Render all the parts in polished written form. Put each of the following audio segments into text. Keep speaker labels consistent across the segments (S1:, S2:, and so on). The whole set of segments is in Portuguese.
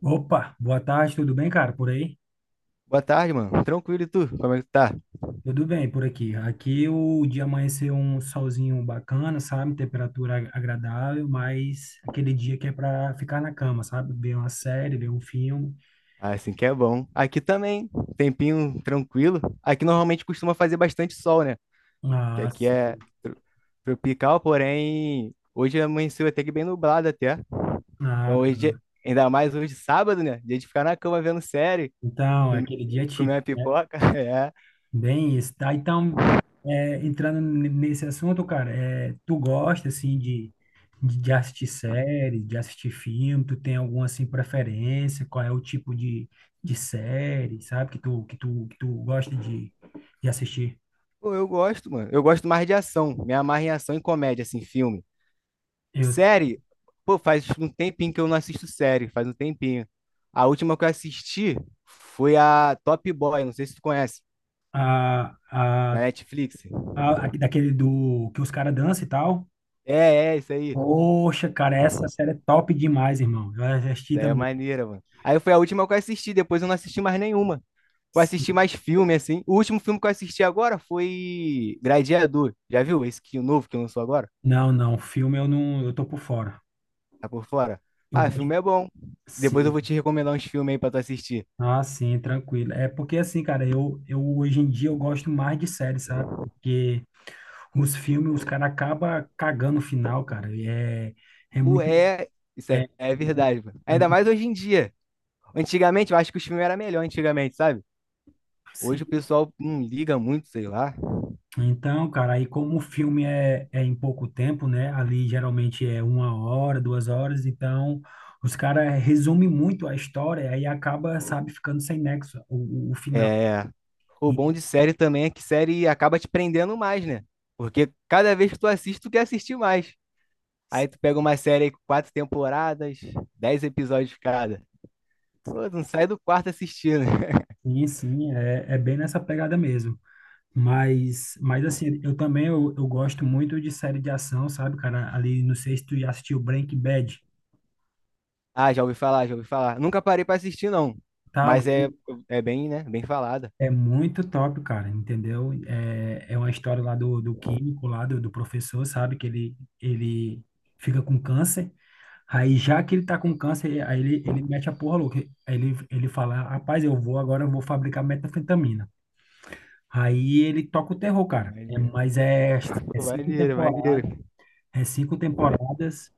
S1: Opa, boa tarde, tudo bem, cara? Por aí?
S2: Boa tarde, mano. Tranquilo e tu? Como é que tu tá?
S1: Tudo bem por aqui. Aqui o dia amanheceu um solzinho bacana, sabe? Temperatura agradável, mas aquele dia que é para ficar na cama, sabe? Ver uma série, ver um filme.
S2: Ah, assim que é bom. Aqui também, tempinho tranquilo. Aqui normalmente costuma fazer bastante sol, né? Que aqui
S1: Nossa,
S2: é tro- tropical, porém hoje amanheceu até que bem nublado até. Então
S1: ah,
S2: hoje,
S1: tá.
S2: ainda mais hoje sábado, né? Dia de ficar na cama vendo série,
S1: Então,
S2: filme,
S1: aquele dia é
S2: assim, comer uma pipoca. É.
S1: bem isso, tá? Então, é, entrando nesse assunto, cara, é, tu gosta, assim, de, de assistir série, de assistir filme, tu tem alguma, assim, preferência? Qual é o tipo de série, sabe, que tu gosta de assistir?
S2: Pô, eu gosto, mano. Eu gosto mais de ação. Me amarro em ação e comédia, assim, filme.
S1: Eu,
S2: Série? Pô, faz um tempinho que eu não assisto série, faz um tempinho. A última que eu assisti foi a Top Boy, não sei se tu conhece,
S1: a, a,
S2: na Netflix.
S1: daquele do que os caras dançam e tal?
S2: É, é, isso aí.
S1: Poxa, cara, essa série é top demais, irmão. Eu assisti
S2: Daí é
S1: também.
S2: maneira, mano. Aí foi a última que eu assisti, depois eu não assisti mais nenhuma. Eu assisti mais filme, assim. O último filme que eu assisti agora foi Gladiador. Já viu esse que o novo que lançou agora?
S1: Não, não, filme eu não, eu tô por fora.
S2: Tá por fora?
S1: Eu
S2: Ah, o filme
S1: gosto.
S2: é bom. Depois eu vou
S1: Sim.
S2: te recomendar uns filmes aí pra tu assistir.
S1: Ah, sim, tranquilo. É porque assim, cara, eu hoje em dia eu gosto mais de série, sabe? Porque os filmes, os caras acabam cagando o final, cara. E é, é muito.
S2: Ué, isso é,
S1: É,
S2: é verdade, mano.
S1: é
S2: Ainda mais
S1: muito
S2: hoje em dia. Antigamente, eu acho que os filmes eram melhor antigamente, sabe? Hoje o
S1: sim.
S2: pessoal não liga muito, sei lá.
S1: Então, cara, aí como o filme é, é em pouco tempo, né? Ali geralmente é 1 hora, 2 horas, então os caras resumem muito a história, aí acaba, sabe, ficando sem nexo o, o final.
S2: É... O
S1: E-
S2: bom de série também é que série acaba te prendendo mais, né? Porque cada vez que tu assiste, tu quer assistir mais. Aí tu pega uma série aí com 4 temporadas, 10 episódios cada. Pô, tu não sai do quarto assistindo.
S1: sim, sim, é, é bem nessa pegada mesmo. Mas assim, eu também eu gosto muito de série de ação, sabe, cara? Ali, não sei se tu já assistiu Breaking Bad,
S2: Ah, já ouvi falar, já ouvi falar. Nunca parei pra assistir, não.
S1: tá
S2: Mas é,
S1: louco?
S2: é bem, né? Bem falada.
S1: É muito top, cara, entendeu? É, é uma história lá do, do químico, lá do, do professor, sabe? Que ele fica com câncer. Aí, já que ele tá com câncer, aí ele mete a porra louca. Aí ele fala, rapaz, eu vou agora, eu vou fabricar metafetamina. Aí ele toca o terror,
S2: Pô,
S1: cara. É,
S2: maneiro.
S1: mas é, é
S2: Pô,
S1: cinco
S2: maneiro,
S1: temporadas.
S2: maneiro.
S1: É cinco temporadas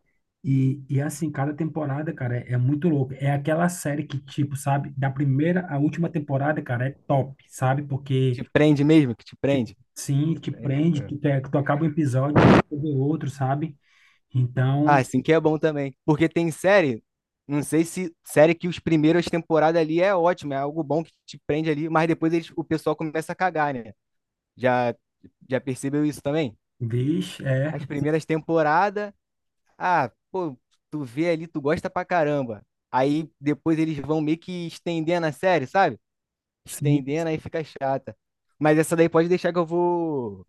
S1: e assim, cada temporada, cara, é, é muito louco. É aquela série que, tipo, sabe, da primeira à última temporada, cara, é top, sabe?
S2: Que
S1: Porque,
S2: te prende mesmo, que te
S1: tipo,
S2: prende.
S1: sim, te prende,
S2: É.
S1: tu, quer- tu acaba um episódio, já quer ver outro, sabe?
S2: Ah,
S1: Então,
S2: assim que é bom também. Porque tem série, não sei se série que os primeiras temporadas ali é ótima, é algo bom que te prende ali, mas depois o pessoal começa a cagar, né? Já, já percebeu isso também?
S1: vixe, é,
S2: As primeiras temporadas, ah, pô, tu vê ali, tu gosta pra caramba. Aí depois eles vão meio que estendendo a série, sabe?
S1: sim,
S2: Estendendo, aí fica chata. Mas essa daí pode deixar que eu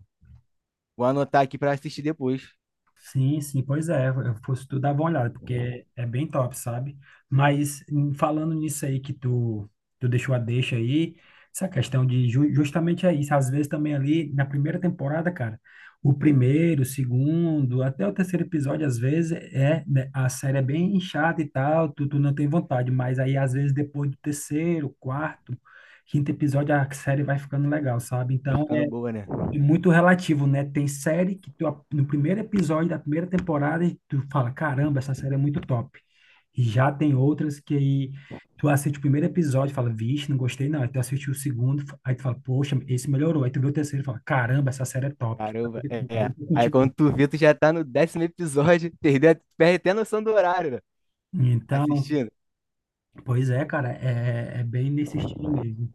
S2: vou anotar aqui pra assistir depois.
S1: sim, sim, pois é, eu fosse tu dar uma olhada, porque é bem top, sabe? Mas em- falando nisso aí que tu, tu deixou a deixa aí, essa questão de justamente é isso, às vezes também ali na primeira temporada, cara, o primeiro, o segundo, até o terceiro episódio, às vezes é, né, a série é bem chata e tal, tu, tu não tem vontade, mas aí às vezes depois do terceiro, quarto, quinto episódio, a série vai ficando legal, sabe?
S2: Vai
S1: Então,
S2: ficando boa, né?
S1: e muito relativo, né? Tem série que tu, a- no primeiro episódio da primeira temporada tu fala, caramba, essa série é muito top. E já tem outras que aí tu assiste o primeiro episódio e fala, vixe, não gostei não. Aí tu assiste o segundo, aí tu fala, poxa, esse melhorou. Aí tu vê o terceiro e fala, caramba, essa série é top. Tá
S2: Caramba,
S1: vendo? Tá
S2: é.
S1: vendo que
S2: Aí quando
S1: continua.
S2: tu vê, tu já tá no décimo episódio, perde até a noção do horário, né?
S1: Então,
S2: Assistindo.
S1: pois é, cara, é, é bem nesse estilo mesmo.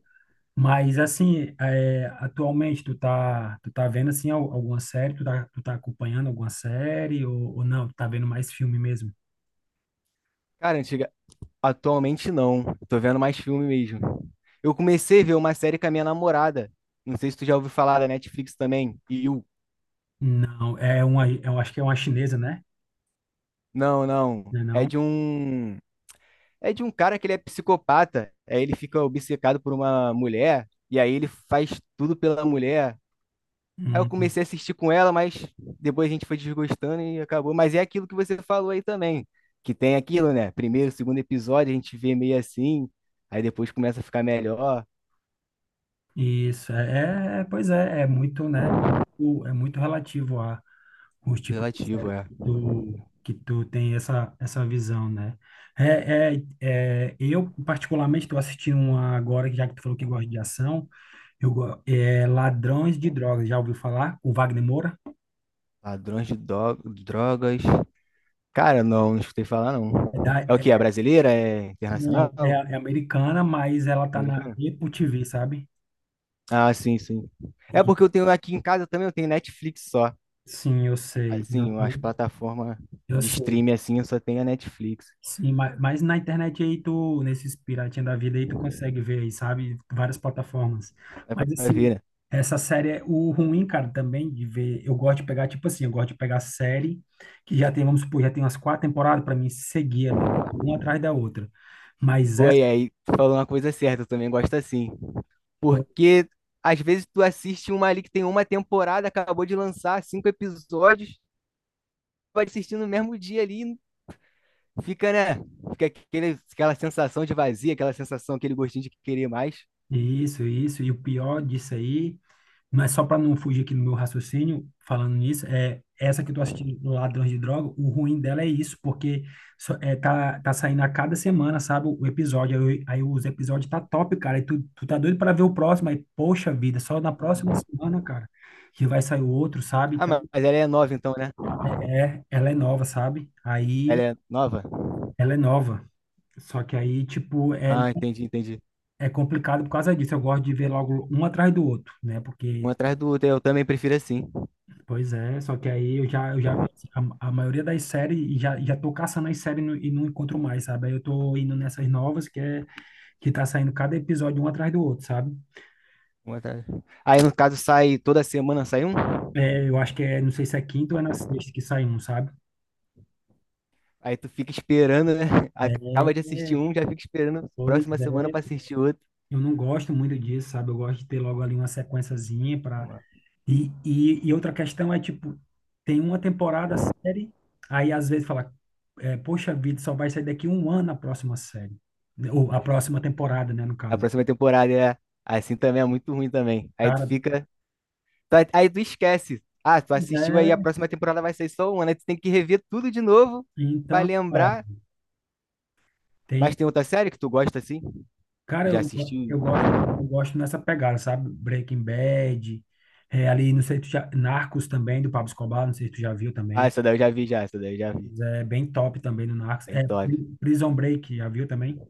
S1: Mas assim, é, atualmente tu tá vendo assim alguma série, tu tá acompanhando alguma série ou não? Tu tá vendo mais filme mesmo?
S2: Cara, antiga, atualmente não. Eu tô vendo mais filme mesmo. Eu comecei a ver uma série com a minha namorada. Não sei se tu já ouviu falar da Netflix também. You.
S1: Não, é uma, eu acho que é uma chinesa, né?
S2: Não, não.
S1: Não é não?
S2: É de um cara que ele é psicopata. Aí ele fica obcecado por uma mulher. E aí ele faz tudo pela mulher. Aí eu
S1: Hum,
S2: comecei a assistir com ela, mas depois a gente foi desgostando e acabou. Mas é aquilo que você falou aí também, que tem aquilo, né? Primeiro, segundo episódio, a gente vê meio assim, aí depois começa a ficar melhor.
S1: isso, é, é- pois é, é muito, né? Muito- é muito relativo a os tipos de série
S2: Relativo, é.
S1: que tu tem essa, essa visão, né? É, é, é, eu, particularmente, estou assistindo uma agora, já que tu falou que gosta de ação, eu, go- é Ladrões de Drogas, já ouviu falar? O Wagner Moura?
S2: Ladrões de drogas. Cara, não, não escutei falar,
S1: É da,
S2: não. É o que? É
S1: é-
S2: brasileira? É
S1: não, é,
S2: internacional?
S1: é americana, mas ela tá na
S2: Americana?
S1: Apple TV, sabe?
S2: Ah, sim, sim. É
S1: E-
S2: porque eu tenho aqui em casa também, eu tenho Netflix só.
S1: sim, eu sei.
S2: Assim, as
S1: Uhum.
S2: plataformas
S1: Eu
S2: de
S1: sei.
S2: streaming assim, eu só tenho a Netflix.
S1: Sim, ma- mas, na internet aí tu, nesses piratinha da vida aí, tu consegue ver aí, sabe? Várias plataformas.
S2: É pra
S1: Mas assim,
S2: ver, né?
S1: essa série, é o ruim, cara, também de ver, eu gosto de pegar, tipo assim, eu gosto de pegar série que já tem, vamos supor, já tem umas quatro temporadas pra mim seguir ali, uma atrás da outra. Mas essa,
S2: Ué, aí, tu falou uma coisa certa, eu também gosto assim. Porque às vezes tu assiste uma ali que tem uma temporada, acabou de lançar 5 episódios, vai assistir no mesmo dia ali, fica, né? Fica aquele, aquela sensação de vazio aquela sensação, aquele gostinho de querer mais.
S1: isso, e o pior disso aí mas só para não fugir aqui do meu raciocínio, falando nisso, é essa que eu tô assistindo, Ladrões de Droga, o ruim dela é isso, porque só- é, tá, tá saindo a cada semana, sabe, o episódio. Aí, eu- aí os episódios tá top, cara. E tu, tu tá doido para ver o próximo, aí, poxa vida, só na próxima semana, cara, que vai sair o outro, sabe?
S2: Ah,
S1: Então,
S2: mas ela é nova então, né?
S1: é, é- ela é nova, sabe?
S2: Ela
S1: Aí
S2: é nova?
S1: ela é nova. Só que aí, tipo, é,
S2: Ah, entendi, entendi.
S1: é complicado por causa disso. Eu gosto de ver logo um atrás do outro, né?
S2: Um
S1: Porque
S2: atrás do outro, eu também prefiro assim.
S1: pois é, só que aí eu já vi assim, a maioria das séries e já, já tô caçando as séries no- e não encontro mais, sabe? Aí eu tô indo nessas novas que é que tá saindo cada episódio um atrás do outro, sabe?
S2: Um atrás. Aí no caso sai toda semana sai um,
S1: É, eu acho que é, não sei se é quinta ou é na sexta que sai um, sabe?
S2: aí tu fica esperando, né? Acaba de assistir
S1: É,
S2: um, já fica esperando a
S1: pois
S2: próxima semana pra
S1: é.
S2: assistir outro.
S1: Eu não gosto muito disso, sabe? Eu gosto de ter logo ali uma sequenciazinha
S2: Uma-
S1: e, e outra questão é, tipo, tem uma temporada a série, aí às vezes fala, é, poxa vida, só vai sair daqui 1 ano a próxima série. Né, ou a próxima temporada, né, no
S2: A
S1: caso.
S2: próxima temporada é assim também, é muito ruim também. Aí tu
S1: Cara,
S2: fica. Aí tu esquece. Ah, tu
S1: pois
S2: assistiu aí, a
S1: é,
S2: próxima temporada vai ser só uma, né? Tu tem que rever tudo de novo pra
S1: então, cara,
S2: lembrar.
S1: tem.
S2: Mas tem outra série que tu gosta assim?
S1: Cara,
S2: Tu já
S1: eu,
S2: assistiu?
S1: eu gosto nessa pegada, sabe? Breaking Bad, é, ali, não sei se tu já. Narcos também, do Pablo Escobar, não sei se tu já viu
S2: Ah,
S1: também.
S2: essa daí eu já vi, já. Essa daí eu já vi.
S1: Mas é bem top também no Narcos.
S2: Bem
S1: É,
S2: top.
S1: Prison Break, já viu também?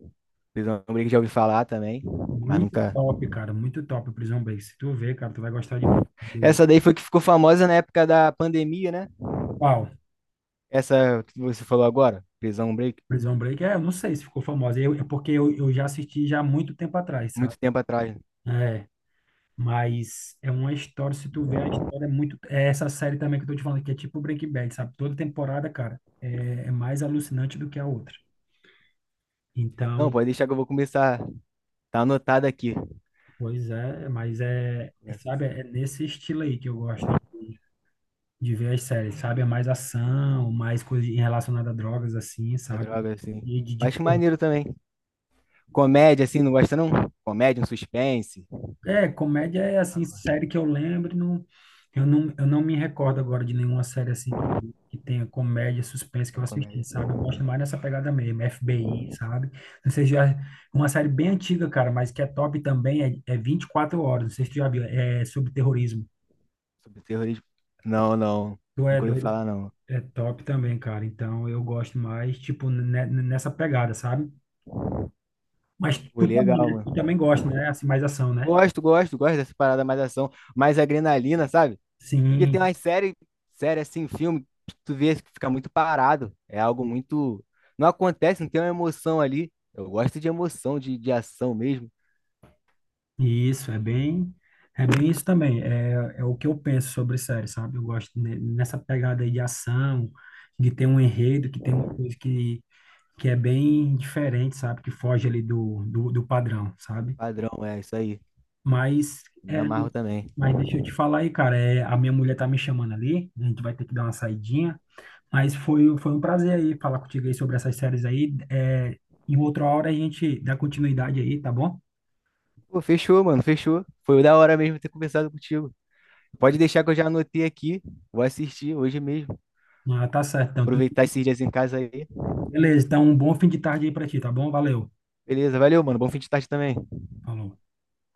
S2: Prisão Break já ouvi falar também, mas
S1: Muito
S2: nunca.
S1: top, cara, muito top o Prison Break. Se tu ver, cara, tu vai gostar demais. Do-
S2: Essa daí foi que ficou famosa na época da pandemia, né?
S1: qual?
S2: Essa que você falou agora, Prisão Break,
S1: Prison Break? É, eu não sei se ficou famosa. Eu, é porque eu já assisti já há muito tempo atrás, sabe?
S2: muito tempo atrás.
S1: É, mas é uma história, se tu ver, a história é muito... É essa série também que eu tô te falando, que é tipo Breaking Bad, sabe? Toda temporada, cara, é, é mais alucinante do que a outra.
S2: Não,
S1: Então,
S2: pode deixar que eu vou começar. Tá anotado aqui.
S1: pois é, mas é... Sabe, é nesse estilo aí que eu gosto. De ver as séries, sabe? É mais ação, mais coisa em- relacionada a drogas, assim,
S2: A
S1: sabe?
S2: droga, assim.
S1: E de-
S2: Acho maneiro também. Comédia, assim, não gosta não? Comédia, um suspense.
S1: é, comédia é, assim, série que eu lembro, não, eu não me recordo agora de nenhuma série, assim, que tenha comédia, suspense que
S2: É
S1: eu assisti,
S2: comédia.
S1: sabe? Eu gosto mais dessa pegada mesmo, FBI, sabe? Não sei se já... Uma série bem antiga, cara, mas que é top também, é, é 24 horas, não sei se tu já viu, é sobre terrorismo.
S2: Sobre terrorismo. Não, não.
S1: Tu é
S2: Nunca ouvi
S1: doido?
S2: falar, não.
S1: É top também, cara. Então eu gosto mais, tipo, nessa pegada, sabe? Mas
S2: Pô,
S1: tu também,
S2: legal,
S1: né? Tu
S2: mano.
S1: também gosta, né? Assim, mais ação, né?
S2: Gosto, gosto, gosto dessa parada mais ação, mais adrenalina, sabe? Porque tem
S1: Sim,
S2: umas séries, série assim, filme, que tu vê que fica muito parado. É algo muito. Não acontece, não tem uma emoção ali. Eu gosto de emoção, de ação mesmo.
S1: isso, é bem isso também. É, é o que eu penso sobre série, sabe? Eu gosto nessa pegada aí de ação, de ter um enredo, que tem uma coisa que é bem diferente, sabe? Que foge ali do, do padrão, sabe?
S2: Padrão, é isso aí.
S1: Mas,
S2: Me
S1: é,
S2: amarro também.
S1: mas deixa eu te falar aí, cara, é, a minha mulher tá me chamando ali, a gente vai ter que dar uma saidinha. Mas foi um prazer aí falar contigo aí sobre essas séries aí. É, em outra hora a gente dá continuidade aí, tá bom?
S2: Pô, fechou, mano, fechou. Foi da hora mesmo ter conversado contigo. Pode deixar que eu já anotei aqui. Vou assistir hoje mesmo.
S1: Ah, tá certo. Então, tu-
S2: Aproveitar esses dias em casa aí.
S1: beleza. Então, um bom fim de tarde aí pra ti, tá bom? Valeu.
S2: Beleza, valeu, mano. Bom fim de tarde também.
S1: Falou.